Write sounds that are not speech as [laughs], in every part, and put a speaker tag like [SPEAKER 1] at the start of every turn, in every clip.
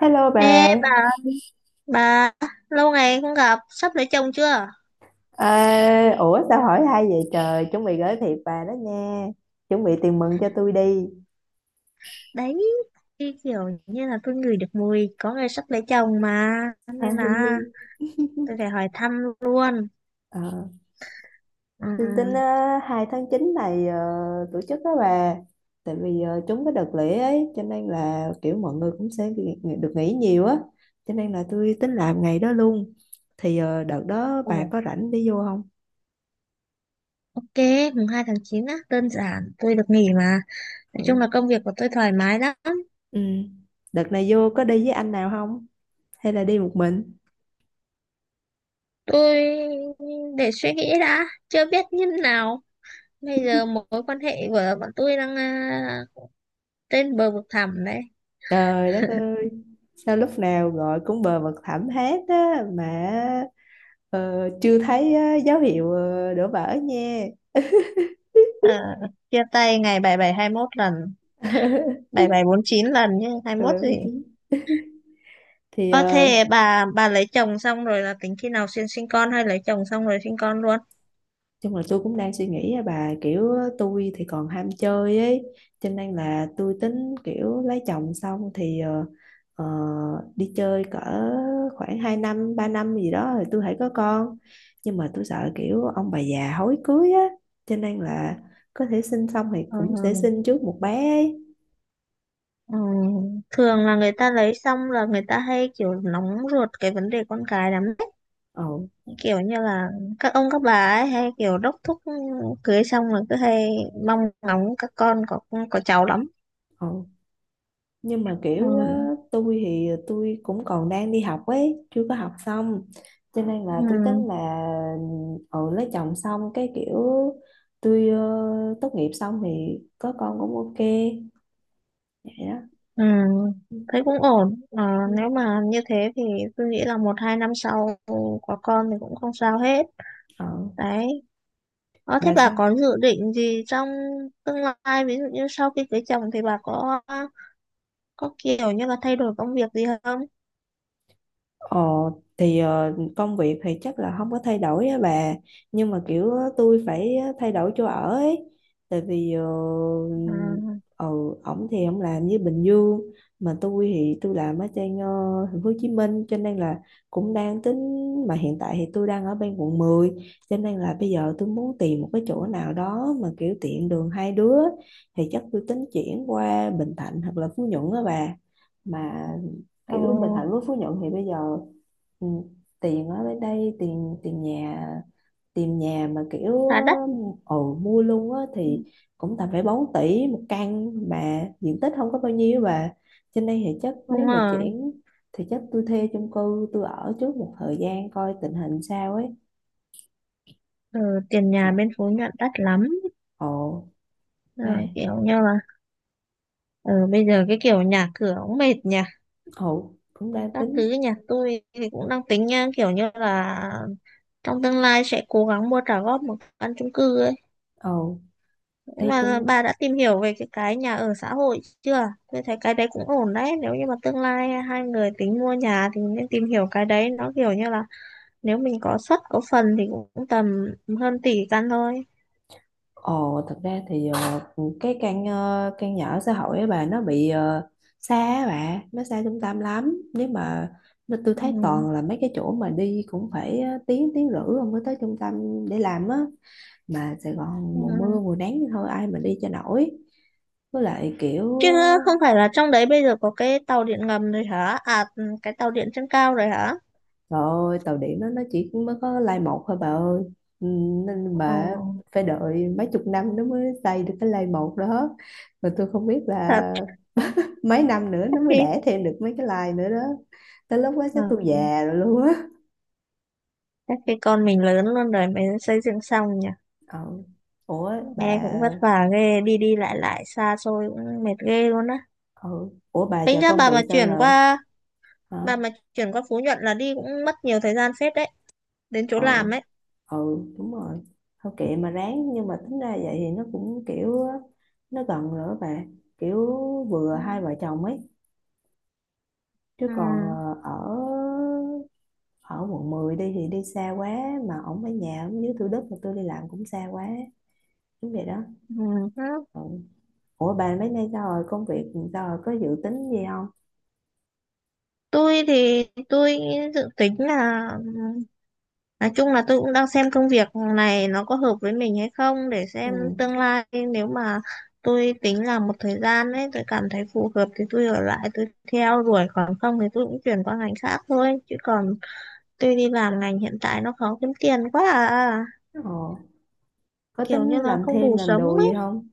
[SPEAKER 1] Hello
[SPEAKER 2] Ê
[SPEAKER 1] bà.
[SPEAKER 2] bà lâu ngày không gặp, sắp lấy chồng chưa?
[SPEAKER 1] À, ủa sao hỏi hay vậy trời? Chuẩn bị gửi thiệp bà đó nha, chuẩn bị tiền mừng cho tôi đi.
[SPEAKER 2] Đấy, cái kiểu như là tôi ngửi được mùi có người sắp lấy chồng mà,
[SPEAKER 1] À,
[SPEAKER 2] nên
[SPEAKER 1] hi hi.
[SPEAKER 2] là tôi phải hỏi thăm luôn.
[SPEAKER 1] Ờ,
[SPEAKER 2] Ừ.
[SPEAKER 1] tôi tính 2 tháng 9 này tổ chức đó bà, tại vì trúng cái đợt lễ ấy, cho nên là kiểu mọi người cũng sẽ được nghỉ nhiều á, cho nên là tôi tính làm ngày đó luôn. Thì đợt đó bà
[SPEAKER 2] Ồ,
[SPEAKER 1] có rảnh đi vô không?
[SPEAKER 2] ok, mùng 2 tháng 9 á, đơn giản, tôi được nghỉ mà. Nói chung
[SPEAKER 1] Ừ.
[SPEAKER 2] là công việc của tôi thoải mái lắm.
[SPEAKER 1] Ừ. Đợt này vô có đi với anh nào không? Hay là đi một mình?
[SPEAKER 2] Tôi để suy nghĩ đã, chưa biết như thế nào. Bây giờ mối quan hệ của bọn tôi đang trên bờ vực thẳm đấy.
[SPEAKER 1] Trời đất ơi, sao lúc nào gọi cũng bờ vực thẳm hết á, mà chưa thấy dấu hiệu đổ vỡ nha.
[SPEAKER 2] Ờ, chia tay ngày 7721 lần, 7749 lần nhé, 21 gì.
[SPEAKER 1] Thì
[SPEAKER 2] Ơ thế bà lấy chồng xong rồi là tính khi nào sinh sinh con, hay lấy chồng xong rồi sinh con luôn?
[SPEAKER 1] chung là tôi cũng đang suy nghĩ á bà, kiểu tôi thì còn ham chơi ấy, cho nên là tôi tính kiểu lấy chồng xong thì ờ, đi chơi cỡ khoảng 2 năm 3 năm gì đó rồi tôi hãy có con. Nhưng mà tôi sợ kiểu ông bà già hối cưới á, cho nên là có thể sinh xong thì
[SPEAKER 2] Ừ,
[SPEAKER 1] cũng sẽ sinh trước một bé ấy.
[SPEAKER 2] ừ.
[SPEAKER 1] Ừ.
[SPEAKER 2] Thường là người ta lấy xong là người ta hay kiểu nóng ruột cái vấn đề con cái lắm đấy.
[SPEAKER 1] Ồ.
[SPEAKER 2] Kiểu như là các ông các bà ấy hay kiểu đốc thúc, cưới xong là cứ hay mong ngóng các con có cháu lắm.
[SPEAKER 1] Ồ. Nhưng mà
[SPEAKER 2] Ừ.
[SPEAKER 1] kiểu á, tôi thì tôi cũng còn đang đi học ấy chưa có học xong, cho nên
[SPEAKER 2] Ừ.
[SPEAKER 1] là tôi tính là lấy chồng xong cái kiểu tôi tốt nghiệp xong thì có con cũng ok. Vậy đó.
[SPEAKER 2] Ừ.
[SPEAKER 1] Ừ.
[SPEAKER 2] Thấy cũng ổn. Ờ,
[SPEAKER 1] Ừ.
[SPEAKER 2] nếu mà như thế thì tôi nghĩ là một hai năm sau có con thì cũng không sao hết.
[SPEAKER 1] ờ
[SPEAKER 2] Đấy. Ờ, thế
[SPEAKER 1] bà
[SPEAKER 2] bà
[SPEAKER 1] sao?
[SPEAKER 2] có dự định gì trong tương lai, ví dụ như sau khi cưới chồng thì bà có kiểu như là thay đổi công việc gì không?
[SPEAKER 1] Ờ, thì công việc thì chắc là không có thay đổi á bà, nhưng mà kiểu tôi phải thay đổi chỗ ở ấy, tại vì
[SPEAKER 2] À,
[SPEAKER 1] ừ ổng thì ổng làm như Bình Dương, mà tôi thì tôi làm ở trên thành phố Hồ Chí Minh, cho nên là cũng đang tính. Mà hiện tại thì tôi đang ở bên quận 10, cho nên là bây giờ tôi muốn tìm một cái chỗ nào đó mà kiểu tiện đường hai đứa, thì chắc tôi tính chuyển qua Bình Thạnh hoặc là Phú Nhuận á bà. Mà
[SPEAKER 2] ờ,
[SPEAKER 1] kiểu Bình Thạnh với Phú Nhuận thì bây giờ, ừ, tiền ở bên đây, tiền tiền nhà mà kiểu
[SPEAKER 2] khá đắt.
[SPEAKER 1] mua luôn á
[SPEAKER 2] Ừ.
[SPEAKER 1] thì cũng tầm phải 4 tỷ một căn mà diện tích không có bao nhiêu. Và trên đây thì chắc nếu
[SPEAKER 2] Đúng
[SPEAKER 1] mà
[SPEAKER 2] rồi.
[SPEAKER 1] chuyển thì chắc tôi thuê chung cư tôi ở trước một thời gian coi tình hình sao ấy.
[SPEAKER 2] Ừ, tiền
[SPEAKER 1] Ồ.
[SPEAKER 2] nhà bên Phú Nhuận đắt lắm.
[SPEAKER 1] Ồ.
[SPEAKER 2] Ờ,
[SPEAKER 1] Đây.
[SPEAKER 2] kiểu như là ờ, bây giờ cái kiểu nhà cửa cũng mệt nhỉ.
[SPEAKER 1] Ồ, cũng đang
[SPEAKER 2] Các thứ
[SPEAKER 1] tính.
[SPEAKER 2] nhà tôi thì cũng đang tính nha, kiểu như là trong tương lai sẽ cố gắng mua trả góp một căn chung cư ấy.
[SPEAKER 1] Ồ,
[SPEAKER 2] Thế
[SPEAKER 1] thuê
[SPEAKER 2] mà
[SPEAKER 1] chung.
[SPEAKER 2] bà đã tìm hiểu về cái nhà ở xã hội chưa? Tôi thấy cái đấy cũng ổn đấy. Nếu như mà tương lai hai người tính mua nhà thì nên tìm hiểu cái đấy. Nó kiểu như là nếu mình có suất có phần thì cũng tầm hơn tỷ căn thôi.
[SPEAKER 1] Ồ, thật ra thì căn nhà ở xã hội ấy bà nó bị xa á bà, nó xa trung tâm lắm. Nếu mà nó Tôi
[SPEAKER 2] Ừ.
[SPEAKER 1] thấy toàn là mấy cái chỗ mà đi cũng phải tiếng tiếng rưỡi rồi mới tới trung tâm để làm á. Mà Sài Gòn
[SPEAKER 2] Ừ.
[SPEAKER 1] mùa mưa mùa nắng thì thôi ai mà đi cho nổi. Với lại kiểu
[SPEAKER 2] Chứ không phải là trong đấy bây giờ có cái tàu điện ngầm rồi hả? À, ừ, cái tàu điện trên cao rồi hả?
[SPEAKER 1] trời ơi tàu điện nó chỉ mới có lai một thôi bà ơi. Ừ, nên
[SPEAKER 2] Ờ,
[SPEAKER 1] bà phải đợi mấy chục năm nó mới xây được cái lai một đó. Mà tôi không biết
[SPEAKER 2] thật.
[SPEAKER 1] là mấy năm nữa
[SPEAKER 2] chắc
[SPEAKER 1] nó mới
[SPEAKER 2] khi
[SPEAKER 1] đẻ thêm được mấy cái like nữa đó, tới lúc đó chắc tôi
[SPEAKER 2] ờ,
[SPEAKER 1] già rồi luôn á.
[SPEAKER 2] Chắc khi con mình lớn luôn rồi mới xây dựng xong nhỉ.
[SPEAKER 1] Ừ. Ủa bà.
[SPEAKER 2] Nghe cũng vất vả ghê, đi đi lại lại xa xôi cũng mệt ghê luôn á.
[SPEAKER 1] Ừ. Ủa bà,
[SPEAKER 2] Tính
[SPEAKER 1] giờ
[SPEAKER 2] ra
[SPEAKER 1] công
[SPEAKER 2] bà
[SPEAKER 1] việc
[SPEAKER 2] mà
[SPEAKER 1] sao
[SPEAKER 2] chuyển
[SPEAKER 1] rồi
[SPEAKER 2] qua
[SPEAKER 1] hả?
[SPEAKER 2] Phú Nhuận là đi cũng mất nhiều thời gian phết đấy, đến chỗ
[SPEAKER 1] Ừ.
[SPEAKER 2] làm ấy.
[SPEAKER 1] Ừ. Đúng rồi. Thôi kệ mà ráng, nhưng mà tính ra vậy thì nó cũng kiểu á, nó gần rồi á bà, kiểu vừa
[SPEAKER 2] Ừ.
[SPEAKER 1] hai vợ chồng ấy. Chứ
[SPEAKER 2] Ừ.
[SPEAKER 1] còn ờ, ở ở quận 10 đi thì đi xa quá, mà ổng ở nhà ổng dưới Thủ Đức mà tôi đi làm cũng xa quá. Đúng vậy đó.
[SPEAKER 2] Ừ. Ừ.
[SPEAKER 1] Ừ. Ủa bà mấy nay sao rồi? Công việc sao rồi, có dự tính gì không?
[SPEAKER 2] Tôi thì tôi dự tính là, nói chung là tôi cũng đang xem công việc này nó có hợp với mình hay không để
[SPEAKER 1] Ừ.
[SPEAKER 2] xem tương lai. Nếu mà tôi tính làm một thời gian ấy, tôi cảm thấy phù hợp thì tôi ở lại tôi theo đuổi, còn không thì tôi cũng chuyển qua ngành khác thôi. Chứ còn tôi đi làm ngành hiện tại nó khó kiếm tiền quá à.
[SPEAKER 1] Ờ. Có
[SPEAKER 2] Kiểu
[SPEAKER 1] tính
[SPEAKER 2] như là
[SPEAKER 1] làm
[SPEAKER 2] không
[SPEAKER 1] thêm
[SPEAKER 2] đủ
[SPEAKER 1] làm
[SPEAKER 2] sống.
[SPEAKER 1] đồ gì không?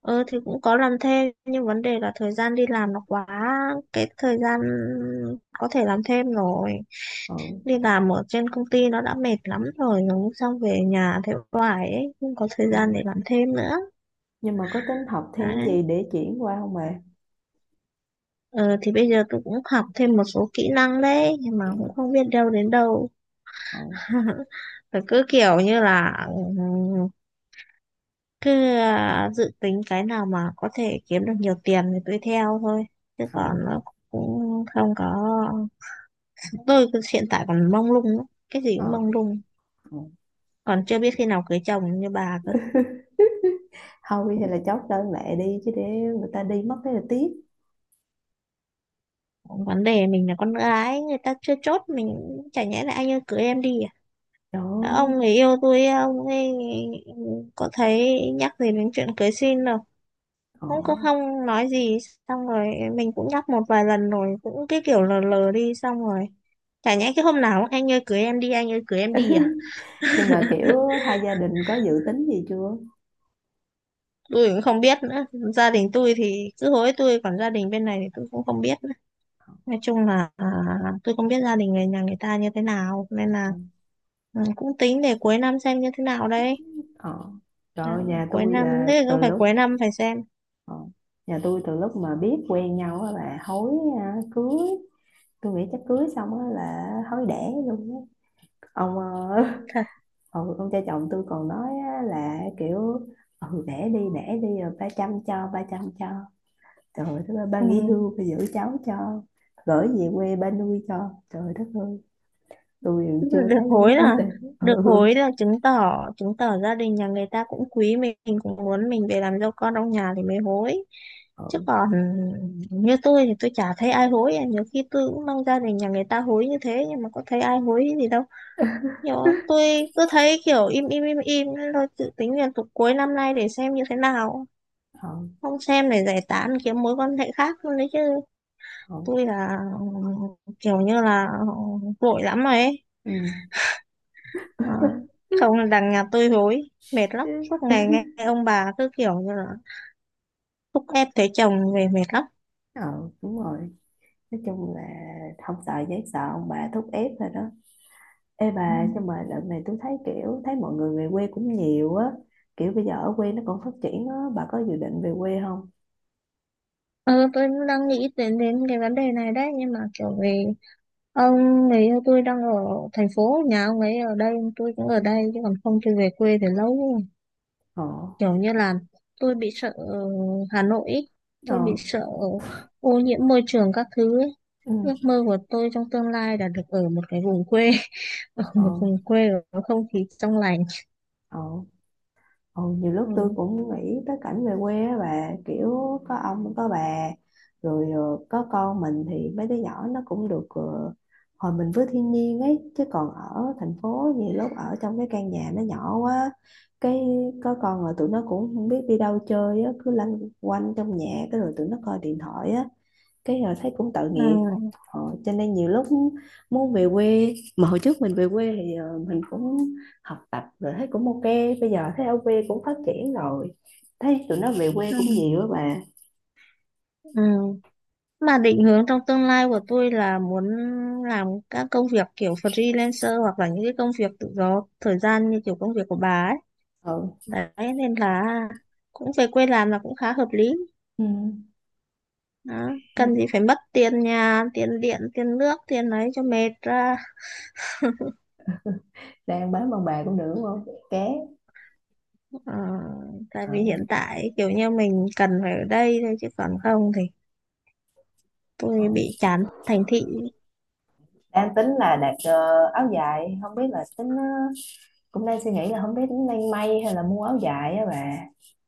[SPEAKER 2] Ờ thì cũng có làm thêm, nhưng vấn đề là thời gian đi làm nó quá cái thời gian có thể làm thêm rồi,
[SPEAKER 1] Ừ.
[SPEAKER 2] đi làm ở trên công ty nó đã mệt lắm rồi, nó xong về nhà thế hoài ấy, không có thời
[SPEAKER 1] Ừ.
[SPEAKER 2] gian để làm thêm nữa.
[SPEAKER 1] Nhưng mà có tính học thêm
[SPEAKER 2] Đấy.
[SPEAKER 1] gì để chuyển qua không bà?
[SPEAKER 2] Ờ, thì bây giờ tôi cũng học thêm một số kỹ năng đấy, nhưng mà
[SPEAKER 1] Ừ.
[SPEAKER 2] cũng không biết đâu đến đâu.
[SPEAKER 1] Ừ.
[SPEAKER 2] [laughs] Phải cứ kiểu như là cứ dự tính cái nào mà có thể kiếm được nhiều tiền thì tôi theo thôi, chứ
[SPEAKER 1] Ừ.
[SPEAKER 2] còn nó cũng không có. Chúng tôi cứ hiện tại còn mông lung lắm, cái gì
[SPEAKER 1] Ừ.
[SPEAKER 2] cũng mông lung.
[SPEAKER 1] Ừ.
[SPEAKER 2] Còn chưa biết khi nào cưới chồng như bà cơ.
[SPEAKER 1] Thôi hay là chốt đơn lẻ đi, chứ để người ta đi mất thế là tiếc.
[SPEAKER 2] Vấn đề mình là con gái, người ta chưa chốt mình, chả nhẽ là anh ơi cưới em đi à?
[SPEAKER 1] Trời
[SPEAKER 2] Ờ,
[SPEAKER 1] ơi.
[SPEAKER 2] ông người yêu tôi ông ấy có thấy nhắc gì đến chuyện cưới xin đâu,
[SPEAKER 1] Ờ.
[SPEAKER 2] không có không nói gì, xong rồi mình cũng nhắc một vài lần rồi cũng cái kiểu lờ lờ đi. Xong rồi chả nhẽ cái hôm nào cũng, anh ơi cưới em đi, anh ơi cưới em đi à?
[SPEAKER 1] Nhưng mà kiểu hai gia đình có dự tính gì chưa?
[SPEAKER 2] Tôi cũng không biết nữa. Gia đình tôi thì cứ hối tôi, còn gia đình bên này thì tôi cũng không biết nữa. Nói chung là tôi không biết gia đình người nhà người ta như thế nào, nên là
[SPEAKER 1] Ừ.
[SPEAKER 2] ừ, cũng tính để cuối năm xem như thế nào đấy.
[SPEAKER 1] Ờ. Trời
[SPEAKER 2] À,
[SPEAKER 1] ơi,
[SPEAKER 2] cuối năm thế, cứ phải cuối năm phải xem.
[SPEAKER 1] ờ, nhà tôi từ lúc mà biết quen nhau á là hối, à, cưới. Tôi nghĩ chắc cưới xong á là hối đẻ luôn á. ông ờ,
[SPEAKER 2] Thật.
[SPEAKER 1] [laughs] ông cha chồng tôi còn nói á, là kiểu ừ đẻ đi rồi ba chăm cho ba chăm cho. Trời đất ơi, ba
[SPEAKER 2] Ừ.
[SPEAKER 1] nghỉ hưu ba giữ cháu cho, gửi về quê ba nuôi cho, trời đất ơi. Tôi
[SPEAKER 2] [laughs]
[SPEAKER 1] còn
[SPEAKER 2] Tức là
[SPEAKER 1] chưa
[SPEAKER 2] được
[SPEAKER 1] thấy gì
[SPEAKER 2] hối
[SPEAKER 1] hết hết
[SPEAKER 2] là,
[SPEAKER 1] đây. Ừ.
[SPEAKER 2] chứng tỏ, gia đình nhà người ta cũng quý mình cũng muốn mình về làm dâu con trong nhà thì mới hối. Chứ
[SPEAKER 1] Ừ.
[SPEAKER 2] còn ừ, như tôi thì tôi chả thấy ai hối. Nhiều khi tôi cũng mong gia đình nhà người ta hối như thế nhưng mà có thấy ai hối gì đâu. Kiểu tôi cứ thấy kiểu im im im im nên tôi dự tính là tục cuối năm nay để xem như thế nào.
[SPEAKER 1] Ừ.
[SPEAKER 2] Không xem để giải tán kiếm mối quan hệ khác luôn đấy chứ. Tôi là kiểu như là vội lắm rồi ấy.
[SPEAKER 1] Ừ.
[SPEAKER 2] Ờ,
[SPEAKER 1] Ừ. [laughs]
[SPEAKER 2] không là đằng nhà tôi hối. Mệt lắm. Suốt ngày nghe ông bà cứ kiểu như là thúc ép thấy chồng về mệt lắm.
[SPEAKER 1] Ờ, đúng rồi. Nói chung là không sợ giấy sợ ông bà thúc ép thôi đó. Ê
[SPEAKER 2] Ừ.
[SPEAKER 1] bà, nhưng mà đợt này tôi thấy kiểu thấy mọi người về quê cũng nhiều á, kiểu bây giờ ở quê nó còn phát triển á, bà có dự định về quê không?
[SPEAKER 2] Ờ, tôi cũng đang nghĩ đến đến cái vấn đề này đấy, nhưng mà kiểu vì ông người yêu tôi đang ở thành phố, nhà ông ấy ở đây tôi cũng ở
[SPEAKER 1] Ừ.
[SPEAKER 2] đây, chứ còn không tôi về quê thì lâu rồi.
[SPEAKER 1] Ờ.
[SPEAKER 2] Kiểu như là tôi bị sợ Hà Nội ý. Tôi bị
[SPEAKER 1] Ờ.
[SPEAKER 2] sợ ô nhiễm môi trường các thứ ấy.
[SPEAKER 1] Ừ.
[SPEAKER 2] Ước mơ của tôi trong tương lai là được ở một cái vùng quê, [laughs] ở một
[SPEAKER 1] Ờ.
[SPEAKER 2] vùng quê có không khí trong lành.
[SPEAKER 1] Ờ. Ừ, nhiều lúc tôi
[SPEAKER 2] Ừ.
[SPEAKER 1] cũng nghĩ tới cảnh về quê á bà, kiểu có ông có bà rồi có con mình thì mấy đứa nhỏ nó cũng được hòa mình với thiên nhiên ấy. Chứ còn ở thành phố nhiều lúc ở trong cái căn nhà nó nhỏ quá, cái có con là tụi nó cũng không biết đi đâu chơi á, cứ lanh quanh trong nhà, cái rồi tụi nó coi điện thoại á, cái họ thấy cũng tội
[SPEAKER 2] Ừ.
[SPEAKER 1] nghiệp. Cho nên nhiều lúc muốn về quê, mà hồi trước mình về quê thì mình cũng học tập rồi thấy cũng ok, bây giờ thấy ở quê cũng phát triển rồi, thấy tụi nó về quê
[SPEAKER 2] Ừ.
[SPEAKER 1] cũng nhiều á bà.
[SPEAKER 2] Ừ. Mà định hướng trong tương lai của tôi là muốn làm các công việc kiểu freelancer hoặc là những cái công việc tự do thời gian như kiểu công việc của bà ấy.
[SPEAKER 1] Ừ.
[SPEAKER 2] Đấy, nên là cũng về quê làm là cũng khá hợp lý.
[SPEAKER 1] Ừ.
[SPEAKER 2] Đó. Cần gì phải mất tiền nhà, tiền điện, tiền nước, tiền ấy cho mệt ra.
[SPEAKER 1] Đang bán bằng bà cũng được đúng không? Ké.
[SPEAKER 2] Ờ, tại
[SPEAKER 1] Ờ.
[SPEAKER 2] vì hiện tại kiểu như mình cần phải ở đây thôi, chứ còn không thì
[SPEAKER 1] Ờ.
[SPEAKER 2] tôi bị chán thành thị.
[SPEAKER 1] Đang tính là đặt áo dài, không biết là tính cũng đang suy nghĩ là không biết tính đang may hay là mua áo dài á bà,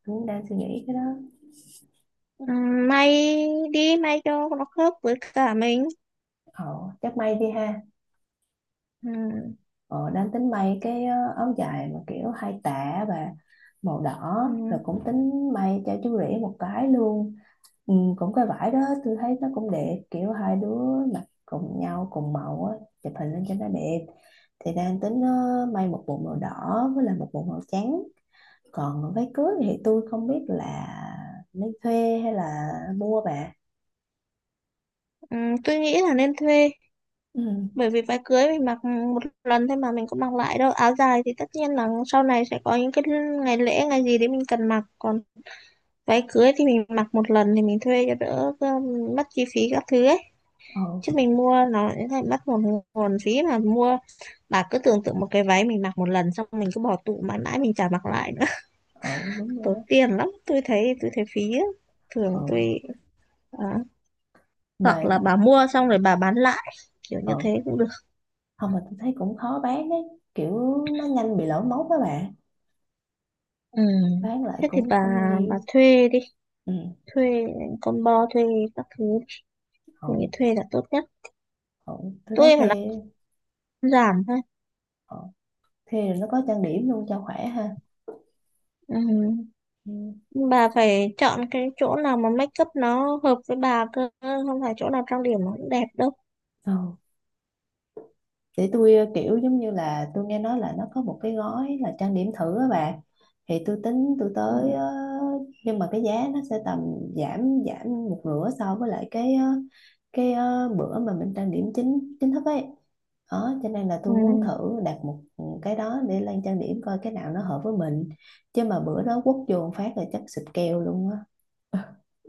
[SPEAKER 1] cũng đang suy nghĩ cái đó.
[SPEAKER 2] Ừ, may đi, may cho nó khớp với cả mình.
[SPEAKER 1] Ờ, chắc may đi ha.
[SPEAKER 2] Ừ.
[SPEAKER 1] Ờ, đang tính may cái áo dài mà kiểu hai tả và màu đỏ,
[SPEAKER 2] Ừ.
[SPEAKER 1] rồi cũng tính may cho chú rể một cái luôn. Ừ, cũng cái vải đó. Tôi thấy nó cũng đẹp, kiểu hai đứa mặc cùng nhau cùng màu á, chụp hình lên cho nó đẹp. Thì đang tính may một bộ màu đỏ với lại một bộ màu trắng. Còn váy cưới thì tôi không biết là nên thuê hay là mua bà.
[SPEAKER 2] Ừ, tôi nghĩ là nên thuê,
[SPEAKER 1] Ừ.
[SPEAKER 2] bởi vì váy cưới mình mặc một lần thôi mà mình cũng mặc lại đâu. Áo dài thì tất nhiên là sau này sẽ có những cái ngày lễ ngày gì đấy mình cần mặc, còn váy cưới thì mình mặc một lần thì mình thuê cho đỡ mất chi phí các thứ ấy.
[SPEAKER 1] Ừ.
[SPEAKER 2] Chứ mình mua nó sẽ thành mất một nguồn phí mà mua. Bà cứ tưởng tượng một cái váy mình mặc một lần xong mình cứ bỏ tủ mãi mãi mình chả mặc lại nữa. [laughs]
[SPEAKER 1] Ừ. Đúng rồi đó.
[SPEAKER 2] Tốn tiền lắm, tôi thấy phí á. Thường
[SPEAKER 1] Ừ.
[SPEAKER 2] tôi à, hoặc
[SPEAKER 1] Mà.
[SPEAKER 2] là bà mua xong rồi bà bán lại, kiểu như
[SPEAKER 1] Ừ.
[SPEAKER 2] thế cũng được.
[SPEAKER 1] Không, mà tôi thấy cũng khó bán đấy, kiểu nó nhanh bị lỗi mốt các bạn,
[SPEAKER 2] Ừ.
[SPEAKER 1] bán lại
[SPEAKER 2] Thế thì
[SPEAKER 1] cũng
[SPEAKER 2] bà
[SPEAKER 1] không nhiều.
[SPEAKER 2] bà thuê đi,
[SPEAKER 1] Ừ.
[SPEAKER 2] thuê combo, thuê các thứ, tôi nghĩ
[SPEAKER 1] Ổn.
[SPEAKER 2] thuê là tốt nhất.
[SPEAKER 1] Ổn, tôi thấy
[SPEAKER 2] Tôi mà nó
[SPEAKER 1] thê.
[SPEAKER 2] giảm thôi.
[SPEAKER 1] Ổn. Thê rồi nó có trang điểm luôn cho khỏe ha.
[SPEAKER 2] Ừ.
[SPEAKER 1] Ừ.
[SPEAKER 2] Bà phải chọn cái chỗ nào mà make up nó hợp với bà cơ, không phải chỗ nào trang điểm nó cũng đẹp đâu.
[SPEAKER 1] Ừ. Thì tôi kiểu giống như là tôi nghe nói là nó có một cái gói là trang điểm thử á bà, thì tôi tính tôi
[SPEAKER 2] Ừ.
[SPEAKER 1] tới nhưng mà cái giá nó sẽ tầm giảm giảm một nửa so với lại bữa mà mình trang điểm chính chính thức ấy đó, cho nên là
[SPEAKER 2] Ừ.
[SPEAKER 1] tôi muốn thử đặt một cái đó để lên trang điểm coi cái nào nó hợp với mình. Chứ mà bữa đó quất vô một phát là chắc xịt keo luôn á.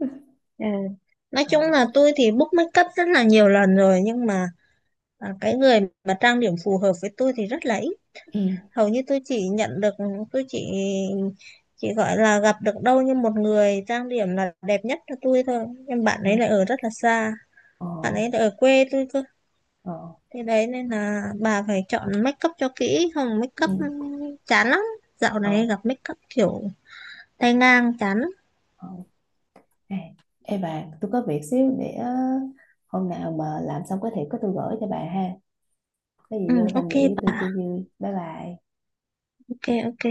[SPEAKER 1] [laughs]
[SPEAKER 2] Ừ. Nói
[SPEAKER 1] Ờ.
[SPEAKER 2] chung là tôi thì book make up rất là nhiều lần rồi nhưng mà à, cái người mà trang điểm phù hợp với tôi thì rất là ít.
[SPEAKER 1] Ừ.
[SPEAKER 2] Hầu như tôi chỉ nhận được, tôi chỉ gọi là gặp được đâu như một người trang điểm là đẹp nhất cho tôi thôi nhưng bạn
[SPEAKER 1] Ờ.
[SPEAKER 2] ấy lại ở rất là xa.
[SPEAKER 1] Ờ.
[SPEAKER 2] Bạn ấy lại ở quê tôi cơ.
[SPEAKER 1] Ờ.
[SPEAKER 2] Thế đấy, nên là bà phải chọn make up cho kỹ, không make up
[SPEAKER 1] Ừ.
[SPEAKER 2] chán lắm. Dạo này
[SPEAKER 1] Ờ.
[SPEAKER 2] gặp make up kiểu tay ngang chán lắm.
[SPEAKER 1] Ờ. À, ê bà, tôi có việc xíu để hôm nào mà làm xong có thể có tôi gửi cho bà ha. Có
[SPEAKER 2] Ừ,
[SPEAKER 1] gì vô tham
[SPEAKER 2] ok
[SPEAKER 1] dự với tôi
[SPEAKER 2] bà.
[SPEAKER 1] chơi vui. Bye bye.
[SPEAKER 2] Ok, ok.